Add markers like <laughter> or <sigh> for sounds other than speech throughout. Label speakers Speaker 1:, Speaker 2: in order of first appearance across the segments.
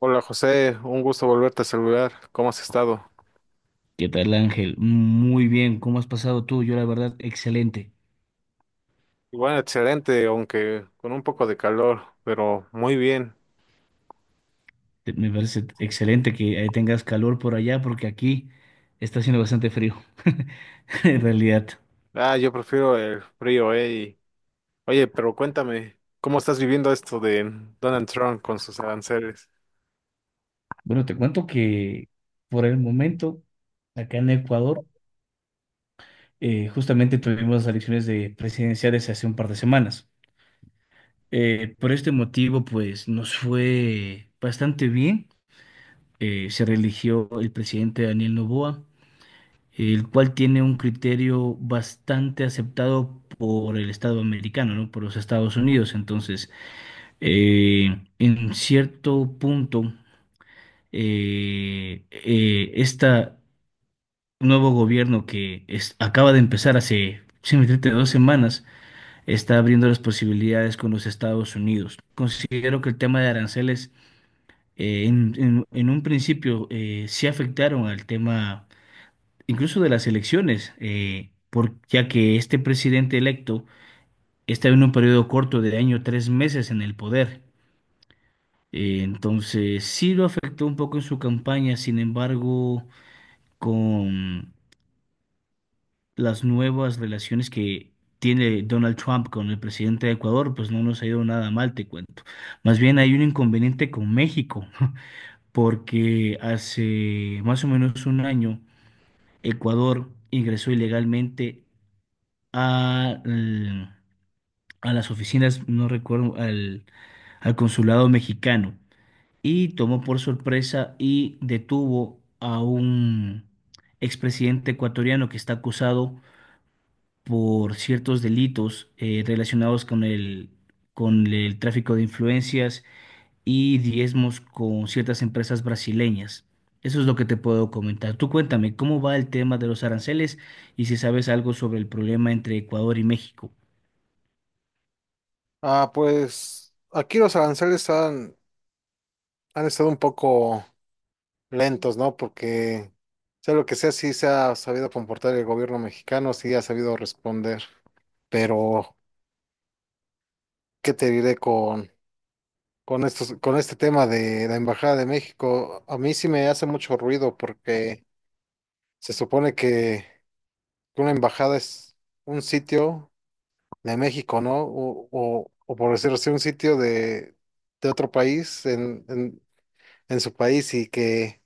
Speaker 1: Hola José, un gusto volverte a saludar. ¿Cómo has estado?
Speaker 2: ¿Qué tal, Ángel? Muy bien, ¿cómo has pasado tú? Yo, la verdad, excelente.
Speaker 1: Bueno, excelente, aunque con un poco de calor, pero muy bien.
Speaker 2: Me parece excelente que tengas calor por allá porque aquí está haciendo bastante frío, <laughs> en realidad.
Speaker 1: Ah, yo prefiero el frío. Oye, pero cuéntame, ¿cómo estás viviendo esto de Donald Trump con sus aranceles?
Speaker 2: Bueno, te cuento que por el momento, acá en Ecuador, justamente tuvimos las elecciones de presidenciales hace un par de semanas. Por este motivo, pues nos fue bastante bien. Se reeligió el presidente Daniel Noboa. El cual tiene un criterio bastante aceptado por el Estado americano, ¿no? Por los Estados Unidos. Entonces, en cierto punto, este nuevo gobierno que acaba de empezar hace simplemente 2 semanas, está abriendo las posibilidades con los Estados Unidos. Considero que el tema de aranceles en un principio sí afectaron al tema incluso de las elecciones, ya que este presidente electo está en un periodo corto de año, 3 meses en el poder. Entonces, sí lo afectó un poco en su campaña, sin embargo, con las nuevas relaciones que tiene Donald Trump con el presidente de Ecuador, pues no nos ha ido nada mal, te cuento. Más bien hay un inconveniente con México, <laughs> porque hace más o menos un año Ecuador ingresó ilegalmente a, al- a las oficinas, no recuerdo, al consulado mexicano y tomó por sorpresa y detuvo a un expresidente ecuatoriano que está acusado por ciertos delitos relacionados con el tráfico de influencias y diezmos con ciertas empresas brasileñas. Eso es lo que te puedo comentar. Tú cuéntame, ¿cómo va el tema de los aranceles y si sabes algo sobre el problema entre Ecuador y México?
Speaker 1: Ah, pues aquí los aranceles han estado un poco lentos, ¿no? Porque sea lo que sea, sí se ha sabido comportar el gobierno mexicano, sí ha sabido responder. Pero, ¿qué te diré con este tema de la Embajada de México, a mí sí me hace mucho ruido porque se supone que una embajada es un sitio de México, ¿no? O por decirlo así, un sitio de otro país en su país y que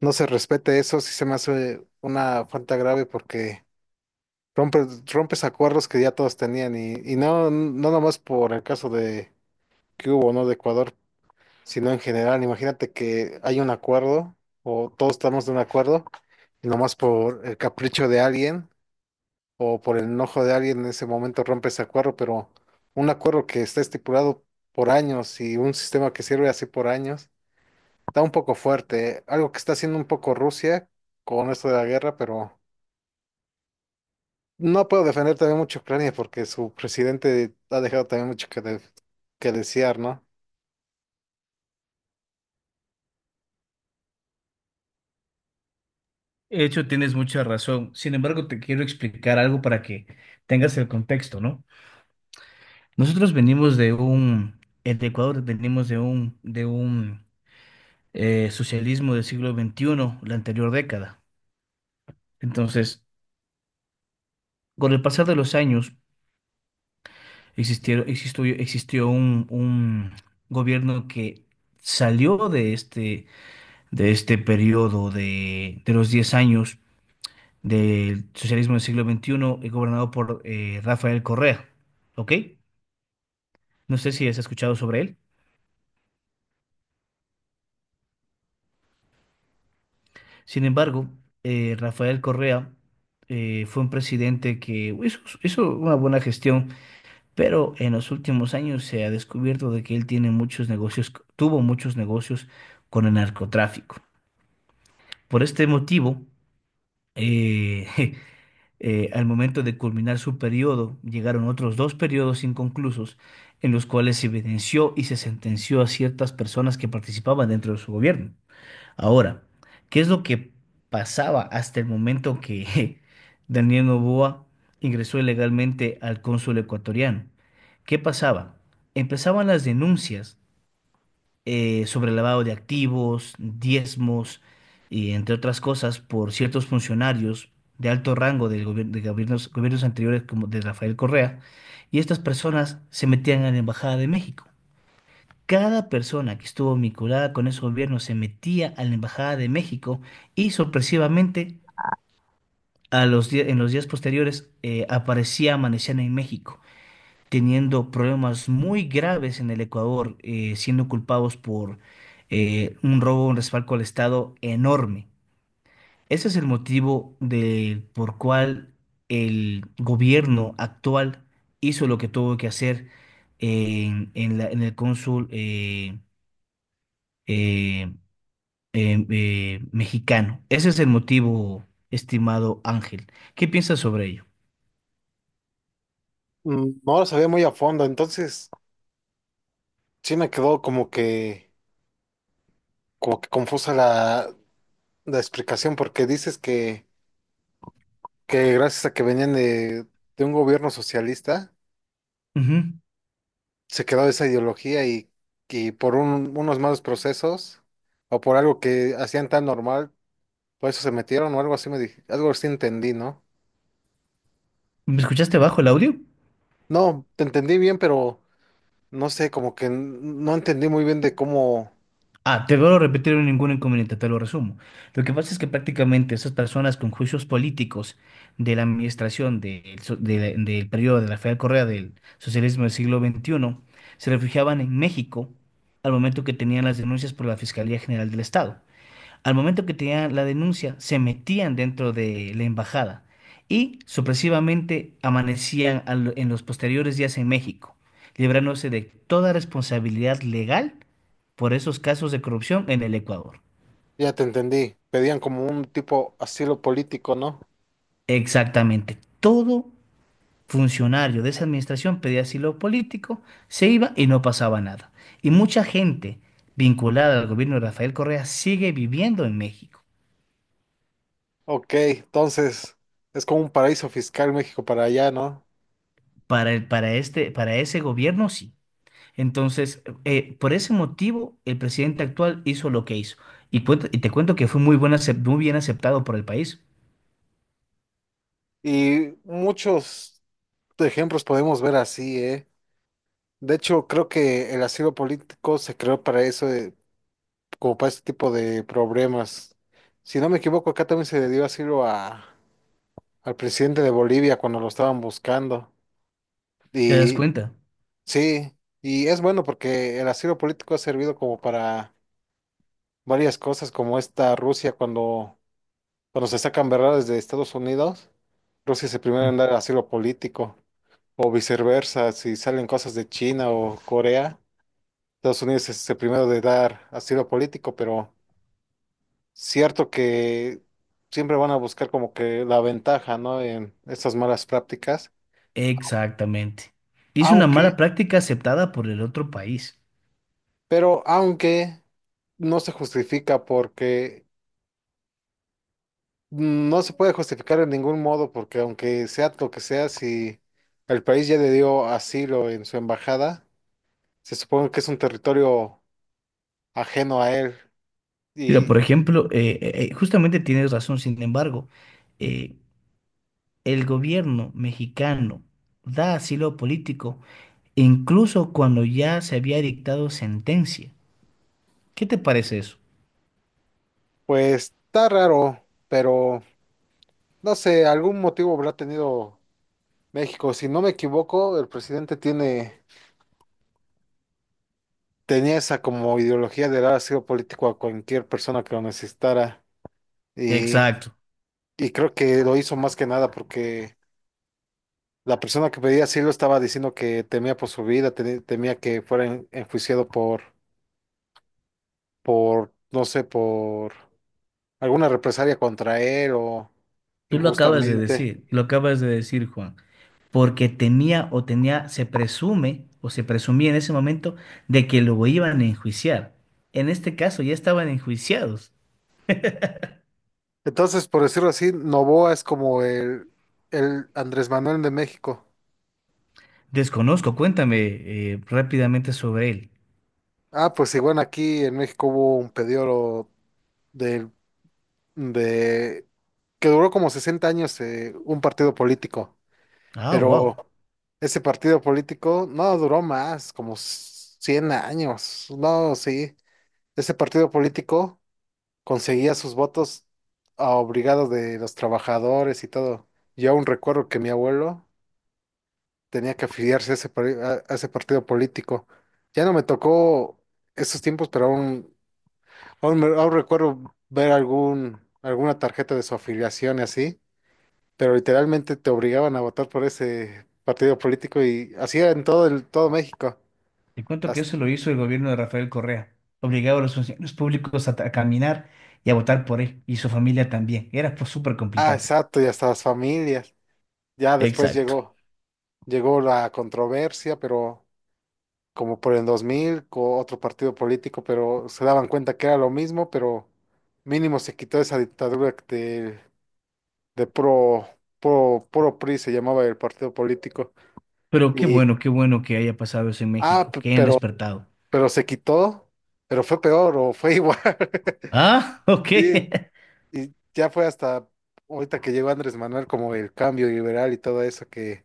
Speaker 1: no se respete eso, sí se me hace una falta grave porque rompes acuerdos que ya todos tenían y no nomás por el caso de que hubo, ¿no? de Ecuador, sino en general. Imagínate que hay un acuerdo o todos estamos de un acuerdo y nomás por el capricho de alguien o por el enojo de alguien en ese momento rompe ese acuerdo, pero un acuerdo que está estipulado por años y un sistema que sirve así por años, está un poco fuerte. Algo que está haciendo un poco Rusia con esto de la guerra, pero no puedo defender también mucho a Ucrania porque su presidente ha dejado también mucho que desear, ¿no?
Speaker 2: De hecho, tienes mucha razón. Sin embargo, te quiero explicar algo para que tengas el contexto, ¿no? Nosotros venimos de un, En Ecuador venimos de un socialismo del siglo XXI, la anterior década. Entonces, con el pasar de los años, existió un gobierno que salió de este, periodo de los 10 años del socialismo del siglo XXI, gobernado por Rafael Correa, ¿ok? No sé si has escuchado sobre él. Sin embargo, Rafael Correa fue un presidente que hizo una buena gestión, pero en los últimos años se ha descubierto de que él tiene muchos negocios, tuvo muchos negocios con el narcotráfico. Por este motivo, eh, <laughs> al momento de culminar su periodo, llegaron otros dos periodos inconclusos en los cuales se evidenció y se sentenció a ciertas personas que participaban dentro de su gobierno. Ahora, ¿qué es lo que pasaba hasta el momento que <laughs> Daniel Noboa ingresó ilegalmente al cónsul ecuatoriano? ¿Qué pasaba? Empezaban las denuncias sobre lavado de activos, diezmos y entre otras cosas por ciertos funcionarios de alto rango de gobiernos anteriores como de Rafael Correa, y estas personas se metían a la Embajada de México. Cada persona que estuvo vinculada con ese gobierno se metía a la Embajada de México y sorpresivamente en los días posteriores aparecía, amanecían en México, teniendo problemas muy graves en el Ecuador, siendo culpados por un robo, un respaldo al Estado enorme. Ese es el motivo de, por cual el gobierno actual hizo lo que tuvo que hacer en el cónsul. Eh, mexicano. Ese es el motivo, estimado Ángel. ¿Qué piensas sobre ello?
Speaker 1: No lo sabía muy a fondo, entonces sí me quedó como que confusa la explicación, porque dices que gracias a que venían de un gobierno socialista,
Speaker 2: Ujú.
Speaker 1: se quedó esa ideología y por unos malos procesos o por algo que hacían tan normal, por eso se metieron o algo así me dije, algo así entendí, ¿no?
Speaker 2: ¿Me escuchaste bajo el audio?
Speaker 1: No, te entendí bien, pero no sé, como que no entendí muy bien de cómo.
Speaker 2: Ah, te vuelvo a repetir en ningún inconveniente, te lo resumo. Lo que pasa es que prácticamente esas personas con juicios políticos de la administración del periodo de Rafael Correa del socialismo del siglo XXI se refugiaban en México al momento que tenían las denuncias por la Fiscalía General del Estado. Al momento que tenían la denuncia, se metían dentro de la embajada y supresivamente amanecían en los posteriores días en México, librándose de toda responsabilidad legal por esos casos de corrupción en el Ecuador.
Speaker 1: Ya te entendí, pedían como un tipo asilo político, ¿no?
Speaker 2: Exactamente. Todo funcionario de esa administración pedía asilo político, se iba y no pasaba nada. Y mucha gente vinculada al gobierno de Rafael Correa sigue viviendo en México.
Speaker 1: Ok, entonces es como un paraíso fiscal México para allá, ¿no?
Speaker 2: Para el- para este, para ese gobierno, sí. Entonces, por ese motivo, el presidente actual hizo lo que hizo. Y te cuento que fue muy bien aceptado por el país.
Speaker 1: Y muchos ejemplos podemos ver así, ¿eh? De hecho, creo que el asilo político se creó para eso, como para este tipo de problemas. Si no me equivoco, acá también se le dio asilo al presidente de Bolivia cuando lo estaban buscando.
Speaker 2: ¿Te das
Speaker 1: Y
Speaker 2: cuenta?
Speaker 1: sí, y es bueno porque el asilo político ha servido como para varias cosas, como esta Rusia cuando se sacan verdades de Estados Unidos, Rusia es el primero en
Speaker 2: Mm.
Speaker 1: dar asilo político. O viceversa, si salen cosas de China o Corea, Estados Unidos es el primero de dar asilo político, pero cierto que siempre van a buscar como que la ventaja, ¿no? En estas malas prácticas,
Speaker 2: Exactamente. Y es una mala
Speaker 1: aunque,
Speaker 2: práctica aceptada por el otro país.
Speaker 1: pero aunque no se justifica porque no se puede justificar en ningún modo, porque aunque sea lo que sea, si el país ya le dio asilo en su embajada, se supone que es un territorio ajeno a él.
Speaker 2: Mira, por
Speaker 1: Y
Speaker 2: ejemplo, justamente tienes razón, sin embargo, eh, el gobierno mexicano da asilo político incluso cuando ya se había dictado sentencia. ¿Qué te parece eso?
Speaker 1: pues está raro, pero no sé, algún motivo habrá tenido México. Si no me equivoco, el presidente tiene, tenía esa como ideología de dar asilo político a cualquier persona que lo necesitara. Y,
Speaker 2: Exacto.
Speaker 1: y creo que lo hizo más que nada porque la persona que pedía asilo estaba diciendo que temía por su vida, temía que fuera enjuiciado por, no sé, por alguna represalia contra él o
Speaker 2: Tú lo acabas de
Speaker 1: injustamente.
Speaker 2: decir, lo acabas de decir, Juan, porque tenía o tenía, se presume o se presumía en ese momento de que lo iban a enjuiciar. En este caso ya estaban enjuiciados.
Speaker 1: Entonces, por decirlo así, Novoa es como el Andrés Manuel de México.
Speaker 2: Desconozco, cuéntame rápidamente sobre él.
Speaker 1: Ah, pues igual aquí en México hubo un periodo de, de que duró como 60 años, un partido político,
Speaker 2: Ah,
Speaker 1: pero
Speaker 2: wow.
Speaker 1: ese partido político no duró más, como 100 años. No, sí, ese partido político conseguía sus votos a obligado de los trabajadores y todo. Yo aún recuerdo que mi abuelo tenía que afiliarse a ese partido político. Ya no me tocó esos tiempos, pero aún recuerdo ver alguna tarjeta de su afiliación y así, pero literalmente te obligaban a votar por ese partido político y así era en todo México.
Speaker 2: Te cuento que
Speaker 1: Hasta-
Speaker 2: eso lo hizo el gobierno de Rafael Correa. Obligaba a los funcionarios públicos a caminar y a votar por él y su familia también. Era, pues, súper
Speaker 1: ah,
Speaker 2: complicado.
Speaker 1: exacto, y hasta las familias. Ya después
Speaker 2: Exacto.
Speaker 1: llegó la controversia, pero como por el 2000 con otro partido político, pero se daban cuenta que era lo mismo, pero mínimo se quitó esa dictadura de pro, pro, pro PRI, se llamaba el partido político.
Speaker 2: Pero
Speaker 1: Y,
Speaker 2: qué bueno que haya pasado eso en
Speaker 1: ah,
Speaker 2: México,
Speaker 1: p-
Speaker 2: que hayan
Speaker 1: pero,
Speaker 2: despertado.
Speaker 1: pero se quitó, pero fue peor o fue igual. <laughs>
Speaker 2: Ah, <laughs> ok.
Speaker 1: Sí, y ya fue hasta ahorita que llegó Andrés Manuel como el cambio liberal y todo eso que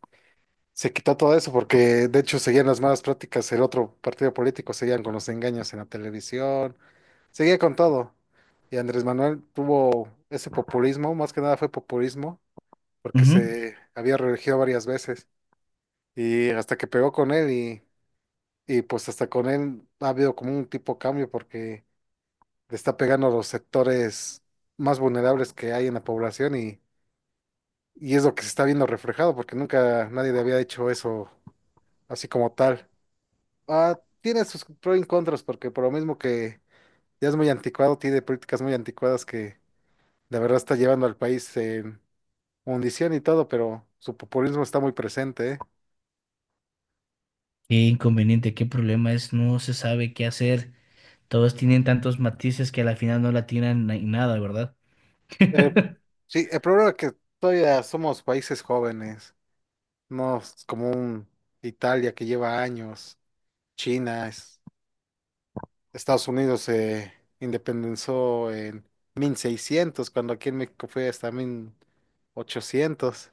Speaker 1: se quitó todo eso porque de hecho seguían las malas prácticas, el otro partido político seguían con los engaños en la televisión, seguía con todo. Y Andrés Manuel tuvo ese populismo, más que nada fue populismo, porque
Speaker 2: Ujú.
Speaker 1: se había reelegido varias veces y hasta que pegó con él y pues hasta con él ha habido como un tipo cambio porque le está pegando a los sectores más vulnerables que hay en la población y es lo que se está viendo reflejado porque nunca nadie le había hecho eso así como tal. Ah, tiene sus pros y contras, porque por lo mismo que ya es muy anticuado, tiene políticas muy anticuadas que de verdad está llevando al país en hundición y todo, pero su populismo está muy presente, ¿eh?
Speaker 2: Qué inconveniente, qué problema es, no se sabe qué hacer. Todos tienen tantos matices que a la final no la tienen en nada, ¿verdad?
Speaker 1: Eh,
Speaker 2: <laughs>
Speaker 1: sí, el problema es que todavía somos países jóvenes, no es como un Italia que lleva años, China, Estados Unidos se independizó en 1600 cuando aquí en México fue hasta 1800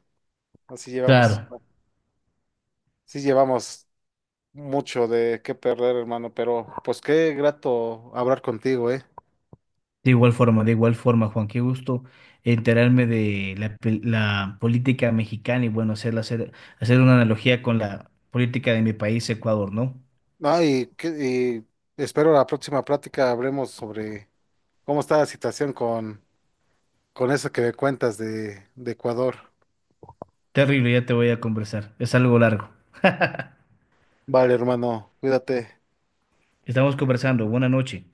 Speaker 1: así
Speaker 2: Claro,
Speaker 1: llevamos, sí llevamos mucho de qué perder, hermano, pero pues qué grato hablar contigo, ¿eh?
Speaker 2: de igual forma, Juan, qué gusto enterarme de la política mexicana y bueno, hacer una analogía con la política de mi país, Ecuador, ¿no?
Speaker 1: Ah, y espero la próxima plática hablemos sobre cómo está la situación con eso que me cuentas de Ecuador.
Speaker 2: Terrible, ya te voy a conversar, es algo largo.
Speaker 1: Vale, hermano, cuídate.
Speaker 2: Estamos conversando, buena noche.